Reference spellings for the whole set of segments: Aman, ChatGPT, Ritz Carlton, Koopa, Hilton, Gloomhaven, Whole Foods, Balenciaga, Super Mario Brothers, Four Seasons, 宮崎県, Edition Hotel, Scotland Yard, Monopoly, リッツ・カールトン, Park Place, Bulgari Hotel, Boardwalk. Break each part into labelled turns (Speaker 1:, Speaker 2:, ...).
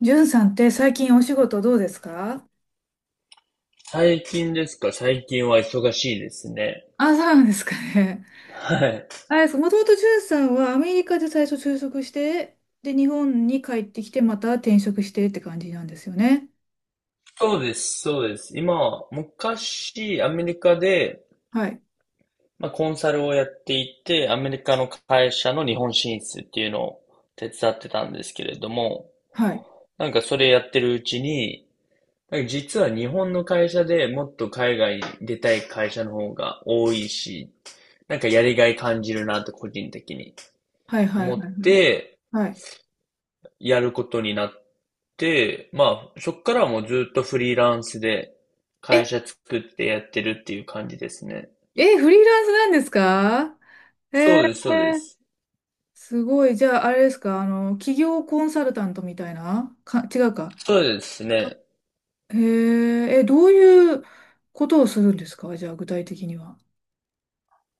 Speaker 1: じゅんさんって最近お仕事どうですか？
Speaker 2: 最近ですか。最近は忙しいですね。
Speaker 1: あ、そうなんですかね。
Speaker 2: はい。
Speaker 1: あれです、もともとじゅんさんはアメリカで最初就職して、で、日本に帰ってきて、また転職してって感じなんですよね。
Speaker 2: そうです、そうです。今は、昔、アメリカで、
Speaker 1: はい。
Speaker 2: まあ、コンサルをやっていて、アメリカの会社の日本進出っていうのを手伝ってたんですけれども、
Speaker 1: はい。
Speaker 2: なんかそれやってるうちに、なんか実は日本の会社でもっと海外に出たい会社の方が多いし、なんかやりがい感じるなと個人的に
Speaker 1: はいはい
Speaker 2: 思
Speaker 1: はい
Speaker 2: っ
Speaker 1: はい。
Speaker 2: て、
Speaker 1: はい。
Speaker 2: やることになって、まあ、そっからはもうずっとフリーランスで会
Speaker 1: え、
Speaker 2: 社作ってやってるっていう感じですね。
Speaker 1: え、フリーランスなんですか？え
Speaker 2: そ
Speaker 1: ー、
Speaker 2: うです、そうです。
Speaker 1: すごい。じゃあ、あれですか、あの、企業コンサルタントみたいなか、違うか。
Speaker 2: そうですね。
Speaker 1: へえ、え、どういうことをするんですか？じゃあ、具体的には。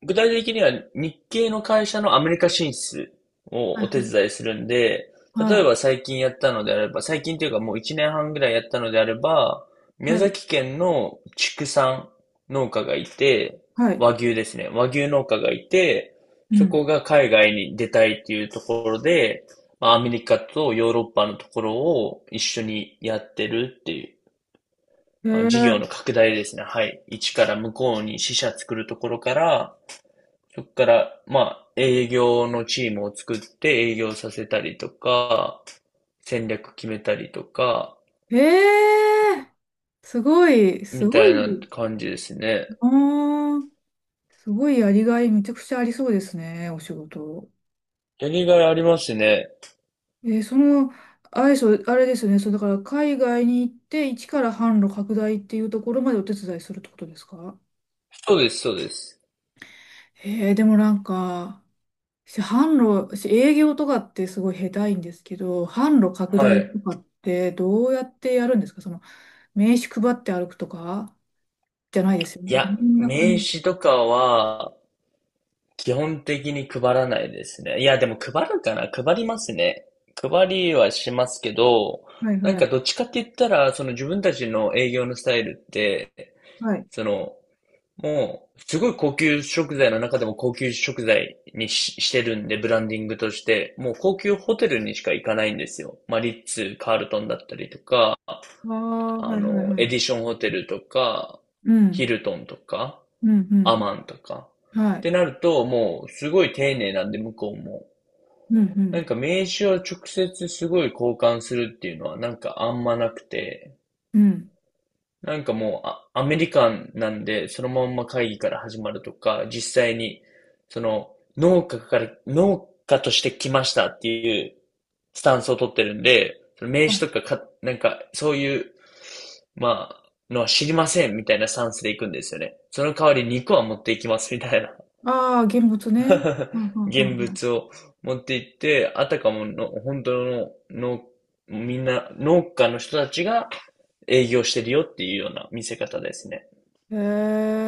Speaker 2: 具体的には日系の会社のアメリカ進出を
Speaker 1: はい
Speaker 2: お手伝いするんで、
Speaker 1: は
Speaker 2: 例え
Speaker 1: い。
Speaker 2: ば最近やったのであれば、最近というかもう1年半ぐらいやったのであれば、
Speaker 1: は
Speaker 2: 宮
Speaker 1: い。
Speaker 2: 崎県の畜産農家がいて、
Speaker 1: はい。
Speaker 2: 和牛ですね。和牛農家がいて、
Speaker 1: う
Speaker 2: そ
Speaker 1: ん。
Speaker 2: こが海外に出たいっていうところで、まあ、アメリカとヨーロッパのところを一緒にやってるっていう、
Speaker 1: へ
Speaker 2: まあ、事業
Speaker 1: え
Speaker 2: の拡大ですね。はい。一から向こうに支社作るところから、そっから、まあ、営業のチームを作って営業させたりとか、戦略決めたりとか、
Speaker 1: ー、へえー、すごい、す
Speaker 2: み
Speaker 1: ご
Speaker 2: たい
Speaker 1: い。
Speaker 2: な感じですね。
Speaker 1: あー、すごいやりがいめちゃくちゃありそうですね、お仕事。
Speaker 2: やりがいありますね。
Speaker 1: えーその、あれ、そうあれですよね、そう、だから海外に行って、一から販路拡大っていうところまでお手伝いするってことですか？
Speaker 2: そうです、そうです。
Speaker 1: へえー。でもなんか、販路、私営業とかってすごい下手いんですけど、販路拡
Speaker 2: は
Speaker 1: 大
Speaker 2: い。
Speaker 1: とかってどうやってやるんですか？その、名刺配って歩くとかじゃないですよ
Speaker 2: い
Speaker 1: ね。
Speaker 2: や、
Speaker 1: どんな
Speaker 2: 名
Speaker 1: 感じ？
Speaker 2: 刺とかは、基本的に配らないですね。いや、でも配るかな。配りますね。配りはしますけど、
Speaker 1: はい
Speaker 2: なん
Speaker 1: は
Speaker 2: か
Speaker 1: い。
Speaker 2: どっちかって言ったら、その自分たちの営業のスタイルって、
Speaker 1: はい。
Speaker 2: そのもう、すごい高級食材の中でも高級食材にしてるんで、ブランディングとして、もう高級ホテルにしか行かないんですよ。まあ、リッツ、カールトンだったりとか、
Speaker 1: ああ、は
Speaker 2: あ
Speaker 1: いはい
Speaker 2: の、
Speaker 1: は
Speaker 2: エ
Speaker 1: い。
Speaker 2: ディションホテルとか、
Speaker 1: う
Speaker 2: ヒ
Speaker 1: ん。
Speaker 2: ルトンとか、
Speaker 1: うんう
Speaker 2: アマンと
Speaker 1: ん。
Speaker 2: か。
Speaker 1: は
Speaker 2: っ
Speaker 1: い。
Speaker 2: てなると、もう、すごい丁寧なんで、向こうも。
Speaker 1: うんうん。
Speaker 2: なんか名刺を直接すごい交換するっていうのはなんかあんまなくて、
Speaker 1: うん。
Speaker 2: なんかもう、アメリカンなんで、そのまんま会議から始まるとか、実際に、その、農家として来ましたっていうスタンスを取ってるんで、その名
Speaker 1: は
Speaker 2: 刺
Speaker 1: い。
Speaker 2: とか、なんか、そういう、まあ、のは知りませんみたいなスタンスで行くんですよね。その代わり肉は持っていきますみたいな。
Speaker 1: ああ、現物ね。はん はんは
Speaker 2: 現
Speaker 1: んはん。
Speaker 2: 物を持って行って、あたかもの、本当の農、みんな農家の人たちが営業してるよっていうような見せ方ですね。
Speaker 1: へ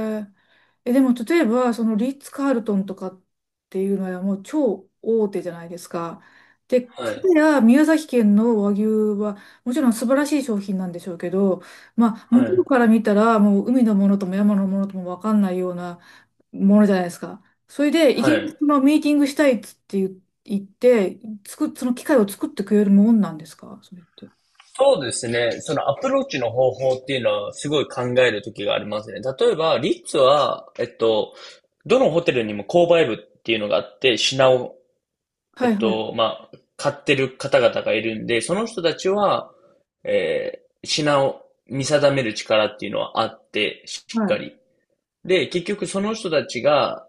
Speaker 1: え。え、でも例えば、そのリッツ・カールトンとかっていうのはもう超大手じゃないですか。で、
Speaker 2: は
Speaker 1: かた
Speaker 2: い。
Speaker 1: や宮崎県の和牛はもちろん素晴らしい商品なんでしょうけど、まあ、向
Speaker 2: は
Speaker 1: こう
Speaker 2: い。
Speaker 1: から見たらもう海のものとも山のものとも分かんないようなものじゃないですか。それで、い
Speaker 2: は
Speaker 1: きなり
Speaker 2: い。
Speaker 1: そのミーティングしたいっつって言って、その機会を作ってくれるもんなんですかそれって？
Speaker 2: そうですね。そのアプローチの方法っていうのはすごい考える時がありますね。例えば、リッツは、どのホテルにも購買部っていうのがあって、品を、
Speaker 1: はいはい。
Speaker 2: まあ、買ってる方々がいるんで、その人たちは、品を見定める力っていうのはあって、し
Speaker 1: は
Speaker 2: っか
Speaker 1: い。
Speaker 2: り。で、結局その人たちが、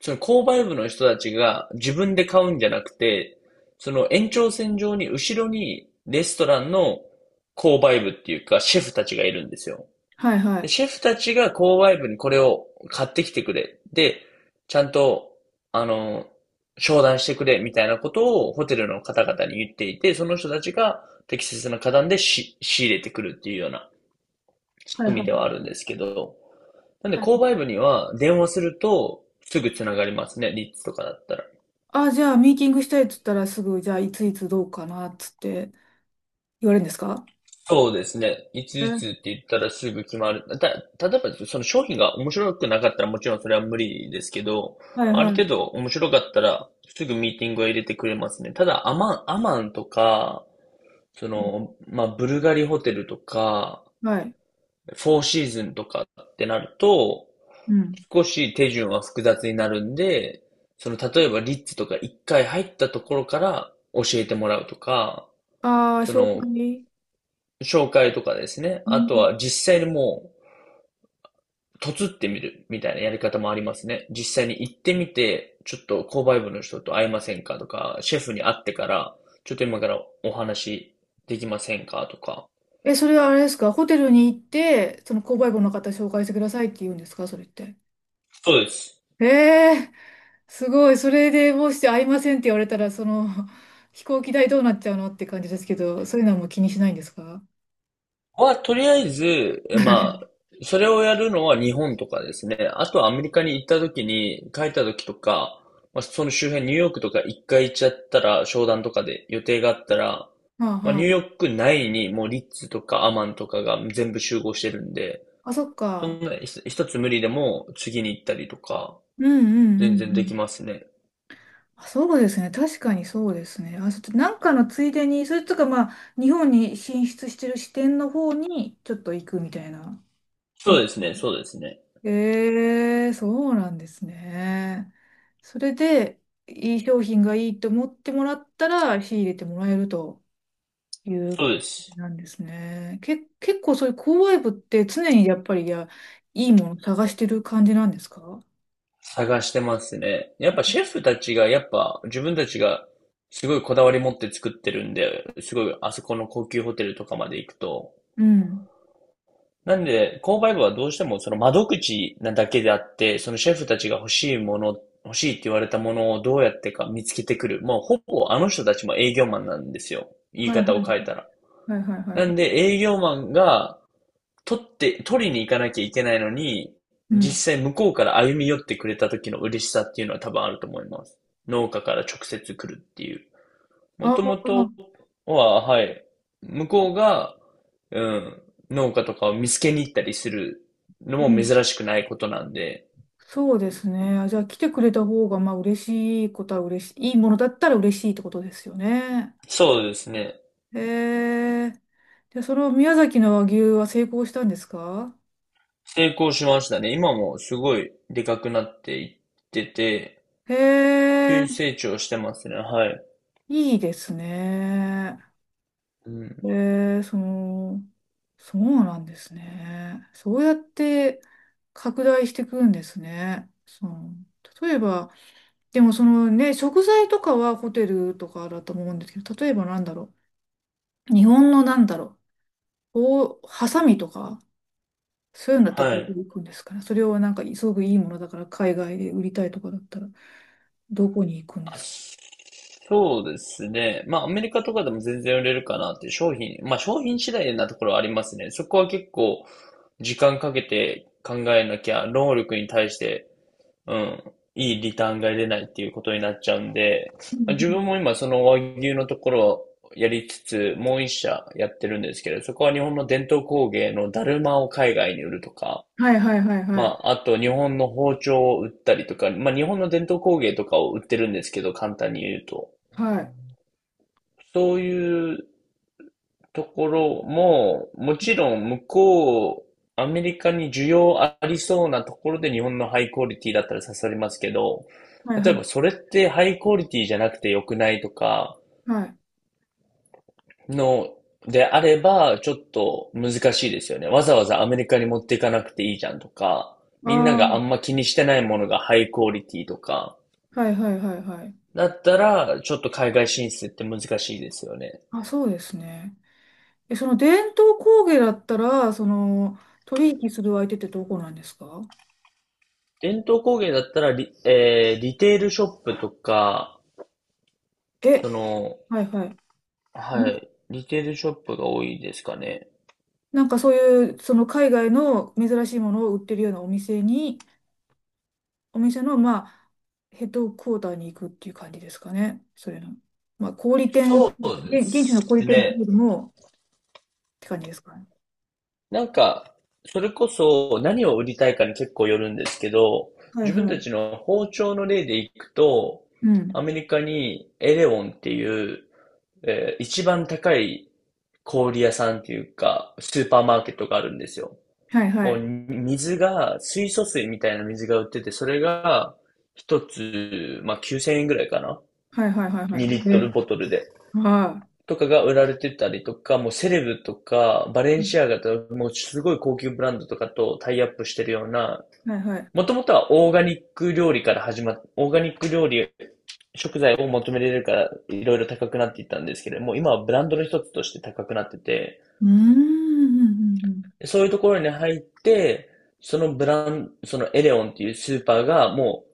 Speaker 2: その購買部の人たちが自分で買うんじゃなくて、その延長線上に後ろにレストランの購買部っていうかシェフたちがいるんですよ。
Speaker 1: はいは
Speaker 2: で、
Speaker 1: い。
Speaker 2: シェフたちが購買部にこれを買ってきてくれ。で、ちゃんと、あの、商談してくれみたいなことをホテルの方々に言っていて、その人たちが適切な価段で仕入れてくるっていうような仕
Speaker 1: はいは
Speaker 2: 組みで
Speaker 1: い。
Speaker 2: はあるんですけど、なんで
Speaker 1: は
Speaker 2: 購
Speaker 1: い。
Speaker 2: 買部には電話するとすぐつながりますね、リッツとかだったら。
Speaker 1: あ、じゃあ、ミーティングしたいっつったらすぐ、じゃあ、いついつどうかなっつって言われるんですか？
Speaker 2: そうですね。いついつ
Speaker 1: え
Speaker 2: って言ったらすぐ決まる。例えばその商品が面白くなかったらもちろんそれは無理ですけど、
Speaker 1: はい
Speaker 2: ある
Speaker 1: は
Speaker 2: 程
Speaker 1: い。
Speaker 2: 度面白かったらすぐミーティングは入れてくれますね。ただアマンとか、その、まあ、ブルガリホテルとか、
Speaker 1: はい。
Speaker 2: フォーシーズンとかってなると、
Speaker 1: うん。
Speaker 2: 少し手順は複雑になるんで、その、例えばリッツとか一回入ったところから教えてもらうとか、
Speaker 1: ああ、
Speaker 2: そ
Speaker 1: 紹
Speaker 2: の、
Speaker 1: 介。
Speaker 2: 紹介とかですね。
Speaker 1: う
Speaker 2: あと
Speaker 1: ん。
Speaker 2: は実際にもう、とつってみるみたいなやり方もありますね。実際に行ってみて、ちょっと購買部の人と会えませんかとか、シェフに会ってから、ちょっと今からお話できませんかとか。
Speaker 1: え、それはあれですか？ホテルに行って、その購買部の方紹介してくださいって言うんですかそれって？
Speaker 2: そうです。
Speaker 1: へえ。すごい。それでもし会いませんって言われたら、その、飛行機代どうなっちゃうのって感じですけど、そういうのはもう気にしないんですか
Speaker 2: とりあえず、まあ、それをやるのは日本とかですね。あとはアメリカに行った時に、帰った時とか、まあ、その周辺、ニューヨークとか一回行っちゃったら、商談とかで予定があったら、
Speaker 1: あ
Speaker 2: まあ、
Speaker 1: は
Speaker 2: ニュー
Speaker 1: あ。
Speaker 2: ヨーク内にもうリッツとかアマンとかが全部集合してるんで、
Speaker 1: あ、そっ
Speaker 2: そん
Speaker 1: か。
Speaker 2: な一つ無理でも次に行ったりとか、
Speaker 1: うんうんうんう
Speaker 2: 全然でき
Speaker 1: ん。
Speaker 2: ますね。
Speaker 1: あ、そうですね。確かにそうですね。あ、ちょっとなんかのついでに、それとかまあ、日本に進出してる支店の方にちょっと行くみたいな。と
Speaker 2: そうですね、そうですね。
Speaker 1: そうなんですね。それで、いい商品がいいと思ってもらったら、仕入れてもらえると。いう
Speaker 2: そうで
Speaker 1: 感
Speaker 2: す。
Speaker 1: じなんですね。結構そういう購買部って常にやっぱり、いや、いいもの探してる感じなんですか？
Speaker 2: 探してますね。やっぱシェフたちが、やっぱ自分たちがすごいこだわり持って作ってるんで、すごいあそこの高級ホテルとかまで行くと。
Speaker 1: うん。
Speaker 2: なんで、購買部はどうしてもその窓口なだけであって、そのシェフたちが欲しいもの、欲しいって言われたものをどうやってか見つけてくる。もうほぼあの人たちも営業マンなんですよ。言
Speaker 1: は
Speaker 2: い
Speaker 1: いは
Speaker 2: 方を
Speaker 1: い
Speaker 2: 変えたら。
Speaker 1: はいはいはい
Speaker 2: な
Speaker 1: は
Speaker 2: ん
Speaker 1: い。
Speaker 2: で営業マンが取って、取りに行かなきゃいけないのに、
Speaker 1: うん。
Speaker 2: 実際向こうから歩み寄ってくれた時の嬉しさっていうのは多分あると思います。農家から直接来るっていう。も
Speaker 1: あ
Speaker 2: ともと
Speaker 1: あ、
Speaker 2: は、はい、向こうが、うん、農家とかを見つけに行ったりするの
Speaker 1: う
Speaker 2: も
Speaker 1: ん。
Speaker 2: 珍しくないことなんで、
Speaker 1: そうですね。あ、じゃあ来てくれた方が、まあ嬉しいことは嬉しい。いいものだったら嬉しいってことですよね。
Speaker 2: そうですね。
Speaker 1: へえ。で、その宮崎の和牛は成功したんですか？
Speaker 2: 成功しましたね。今もすごいでかくなっていってて、
Speaker 1: へ
Speaker 2: 急
Speaker 1: え、
Speaker 2: に成長してますね。はい。
Speaker 1: いいですね。
Speaker 2: うん。
Speaker 1: えー、その、そうなんですね。そうやって拡大していくんですね。その、例えば、でもそのね、食材とかはホテルとかだと思うんですけど、例えばなんだろう。日本のなんだろう。こう、ハサミとか、そういうのだったら
Speaker 2: は
Speaker 1: どこ
Speaker 2: い。
Speaker 1: に行くんですかね。それをなんか、すごくいいものだから、海外で売りたいとかだったら、どこに行くんで
Speaker 2: あ、
Speaker 1: すか。
Speaker 2: そうですね。まあ、アメリカとかでも全然売れるかなっていう商品、まあ、商品次第なところはありますね。そこは結構、時間かけて考えなきゃ、労力に対して、うん、いいリターンが出ないっていうことになっちゃうんで、
Speaker 1: うん
Speaker 2: まあ自
Speaker 1: うん。
Speaker 2: 分も今その和牛のところをやりつつ、もう一社やってるんですけど、そこは日本の伝統工芸のだるまを海外に売るとか、
Speaker 1: はいはいはい
Speaker 2: ま
Speaker 1: はい。
Speaker 2: あ、あと日本の包丁を売ったりとか、まあ日本の伝統工芸とかを売ってるんですけど、簡単に言うと。
Speaker 1: はい。
Speaker 2: そういうところも、もちろん向こう、アメリカに需要ありそうなところで日本のハイクオリティだったら刺さりますけど、
Speaker 1: はい
Speaker 2: 例
Speaker 1: は
Speaker 2: えばそ
Speaker 1: い
Speaker 2: れってハイクオリティじゃなくて良くないとか
Speaker 1: はい。
Speaker 2: の、であれば、ちょっと難しいですよね。わざわざアメリカに持っていかなくていいじゃんとか、みんな
Speaker 1: あ
Speaker 2: があん
Speaker 1: あ、
Speaker 2: ま気にしてないものがハイクオリティとか、
Speaker 1: はいはいはいはい。
Speaker 2: だったら、ちょっと海外進出って難しいですよね。
Speaker 1: あ、そうですね。え、その伝統工芸だったら、その、取引する相手ってどこなんですか？
Speaker 2: 伝統工芸だったらリテールショップとか、そ
Speaker 1: え、
Speaker 2: の、
Speaker 1: はいはい。
Speaker 2: はい、リテールショップが多いですかね。
Speaker 1: なんかそういう、その海外の珍しいものを売ってるようなお店に、お店の、まあ、ヘッドクォーターに行くっていう感じですかね。それの。まあ、小売店、
Speaker 2: そうで
Speaker 1: 現地の小売
Speaker 2: す
Speaker 1: 店という
Speaker 2: ね。
Speaker 1: よりも、って感じですかね。
Speaker 2: なんか、それこそ何を売りたいかに結構よるんですけど、
Speaker 1: はい
Speaker 2: 自分
Speaker 1: は
Speaker 2: た
Speaker 1: い。
Speaker 2: ちの包丁の例でいくと、
Speaker 1: うん。
Speaker 2: アメリカにエレオンっていう、一番高い小売屋さんっていうか、スーパーマーケットがあるんですよ。
Speaker 1: はいは
Speaker 2: もう
Speaker 1: い。
Speaker 2: 水が、水素水みたいな水が売ってて、それが一つ、まあ9000円ぐらいかな
Speaker 1: はいはいはいは
Speaker 2: ?2 リッ
Speaker 1: い。
Speaker 2: トル
Speaker 1: え、
Speaker 2: ボトルで。
Speaker 1: は
Speaker 2: とかが売られてたりとか、もうセレブとか、バレ
Speaker 1: い。う
Speaker 2: ン
Speaker 1: ん。
Speaker 2: シアガとか、もうすごい高級ブランドとかとタイアップしてるような、
Speaker 1: はいはい。
Speaker 2: もともとはオーガニック料理から始まっ、オーガニック料理、食材を求められるから、いろいろ高くなっていったんですけれども、今はブランドの一つとして高くなってて、
Speaker 1: うーん。うんうんうん。
Speaker 2: そういうところに入って、そのブラン、そのエデオンっていうスーパーが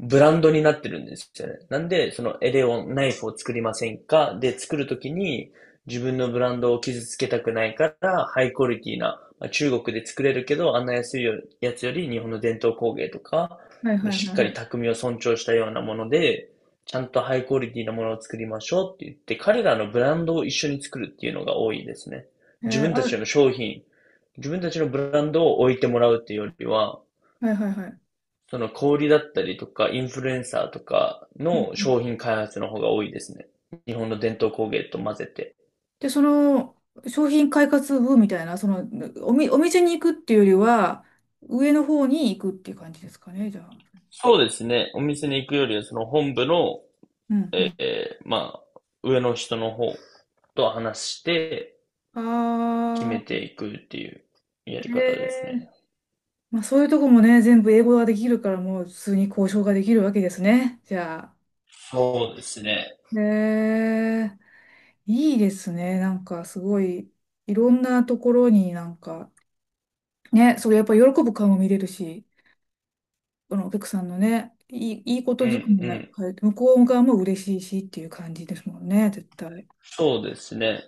Speaker 2: ブランドになってるんですよね。なんで、そのエデオンナイフを作りませんかで、作るときに自分のブランドを傷つけたくないから、ハイクオリティな、中国で作れるけど、あんな安いやつより日本の伝統工芸とか、
Speaker 1: はいはい
Speaker 2: しっ
Speaker 1: はい
Speaker 2: か
Speaker 1: は
Speaker 2: り
Speaker 1: い。
Speaker 2: 匠を尊重したようなもので、ちゃんとハイクオリティなものを作りましょうって言って、彼らのブランドを一緒に作るっていうのが多いですね。自
Speaker 1: え
Speaker 2: 分た
Speaker 1: ー、あ
Speaker 2: ち
Speaker 1: る
Speaker 2: の商品、自分たちのブランドを置いてもらうっていうよりは、
Speaker 1: はいはいはい。
Speaker 2: その小売りだったりとか、インフルエンサーとか
Speaker 1: うん
Speaker 2: の
Speaker 1: うん。
Speaker 2: 商品開発の方が多いですね。日本の伝統工芸と混ぜて。
Speaker 1: で、その商品開発部みたいな、そのお店に行くっていうよりは、上の方に行くっていう感じですかね、じゃあ。
Speaker 2: そうですね。お店に行くよりは、その本部の、
Speaker 1: うんうん。
Speaker 2: まあ、上の人の方と話して決め
Speaker 1: あ
Speaker 2: ていくっていうやり
Speaker 1: ー、
Speaker 2: 方です
Speaker 1: えー、
Speaker 2: ね。
Speaker 1: まあそういうとこもね、全部英語ができるから、もう普通に交渉ができるわけですね、じゃ
Speaker 2: そうですね。
Speaker 1: あ。へえ、いいですね、なんかすごい、いろんなところになんか、ね、それやっぱ喜ぶ顔も見れるし。あの、お客さんのね、いいこと
Speaker 2: う
Speaker 1: ずく
Speaker 2: ん
Speaker 1: め
Speaker 2: う
Speaker 1: な、
Speaker 2: ん。
Speaker 1: 向こう側も嬉しいしっていう感じですもんね、絶対。
Speaker 2: そうですね。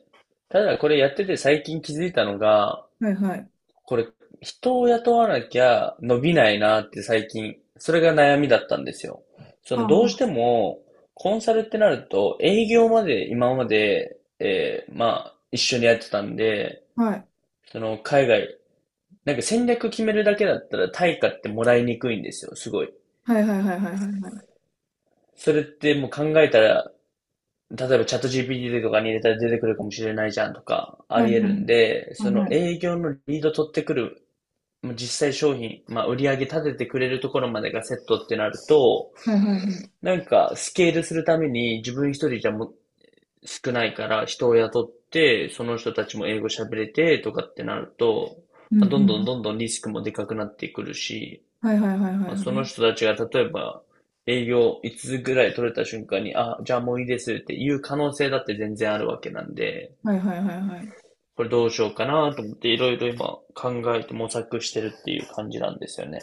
Speaker 2: ただこれやってて最近気づいたのが、
Speaker 1: はいはい。
Speaker 2: これ、人を雇わなきゃ伸びないなって最近、それが悩みだったんですよ。そ
Speaker 1: はあ
Speaker 2: の、どうし
Speaker 1: は
Speaker 2: ても、コンサルってなると、営業まで今まで、まあ、一緒にやってたんで、
Speaker 1: あ、はい。
Speaker 2: その、海外、なんか戦略決めるだけだったら対価ってもらいにくいんですよ、すごい。
Speaker 1: はいはいはいはいはいはい。
Speaker 2: それってもう考えたら、例えばチャット GPT とかに入れたら出てくるかもしれないじゃんとか、あ
Speaker 1: はいは
Speaker 2: り
Speaker 1: い
Speaker 2: 得るんで、
Speaker 1: は
Speaker 2: そ
Speaker 1: い
Speaker 2: の
Speaker 1: はい。
Speaker 2: 営業のリード取ってくる、もう実際商品、まあ、売り上げ立ててくれるところまでがセットってなると、
Speaker 1: はいはいはい。
Speaker 2: なんかスケールするために自分一人じゃも少ないから人を雇って、その人たちも英語喋れてとかってなると、
Speaker 1: うんう
Speaker 2: まあ、どんどん
Speaker 1: ん。
Speaker 2: どんどんリスクもでかくなってくるし、
Speaker 1: はいはいはいはい
Speaker 2: まあ、
Speaker 1: は
Speaker 2: その
Speaker 1: い。
Speaker 2: 人たちが例えば営業5つぐらい取れた瞬間に、あ、じゃあもういいですっていう可能性だって全然あるわけなんで、
Speaker 1: はいはいはいはい。
Speaker 2: これどうしようかなと思っていろいろ今考えて模索してるっていう感じなんですよね。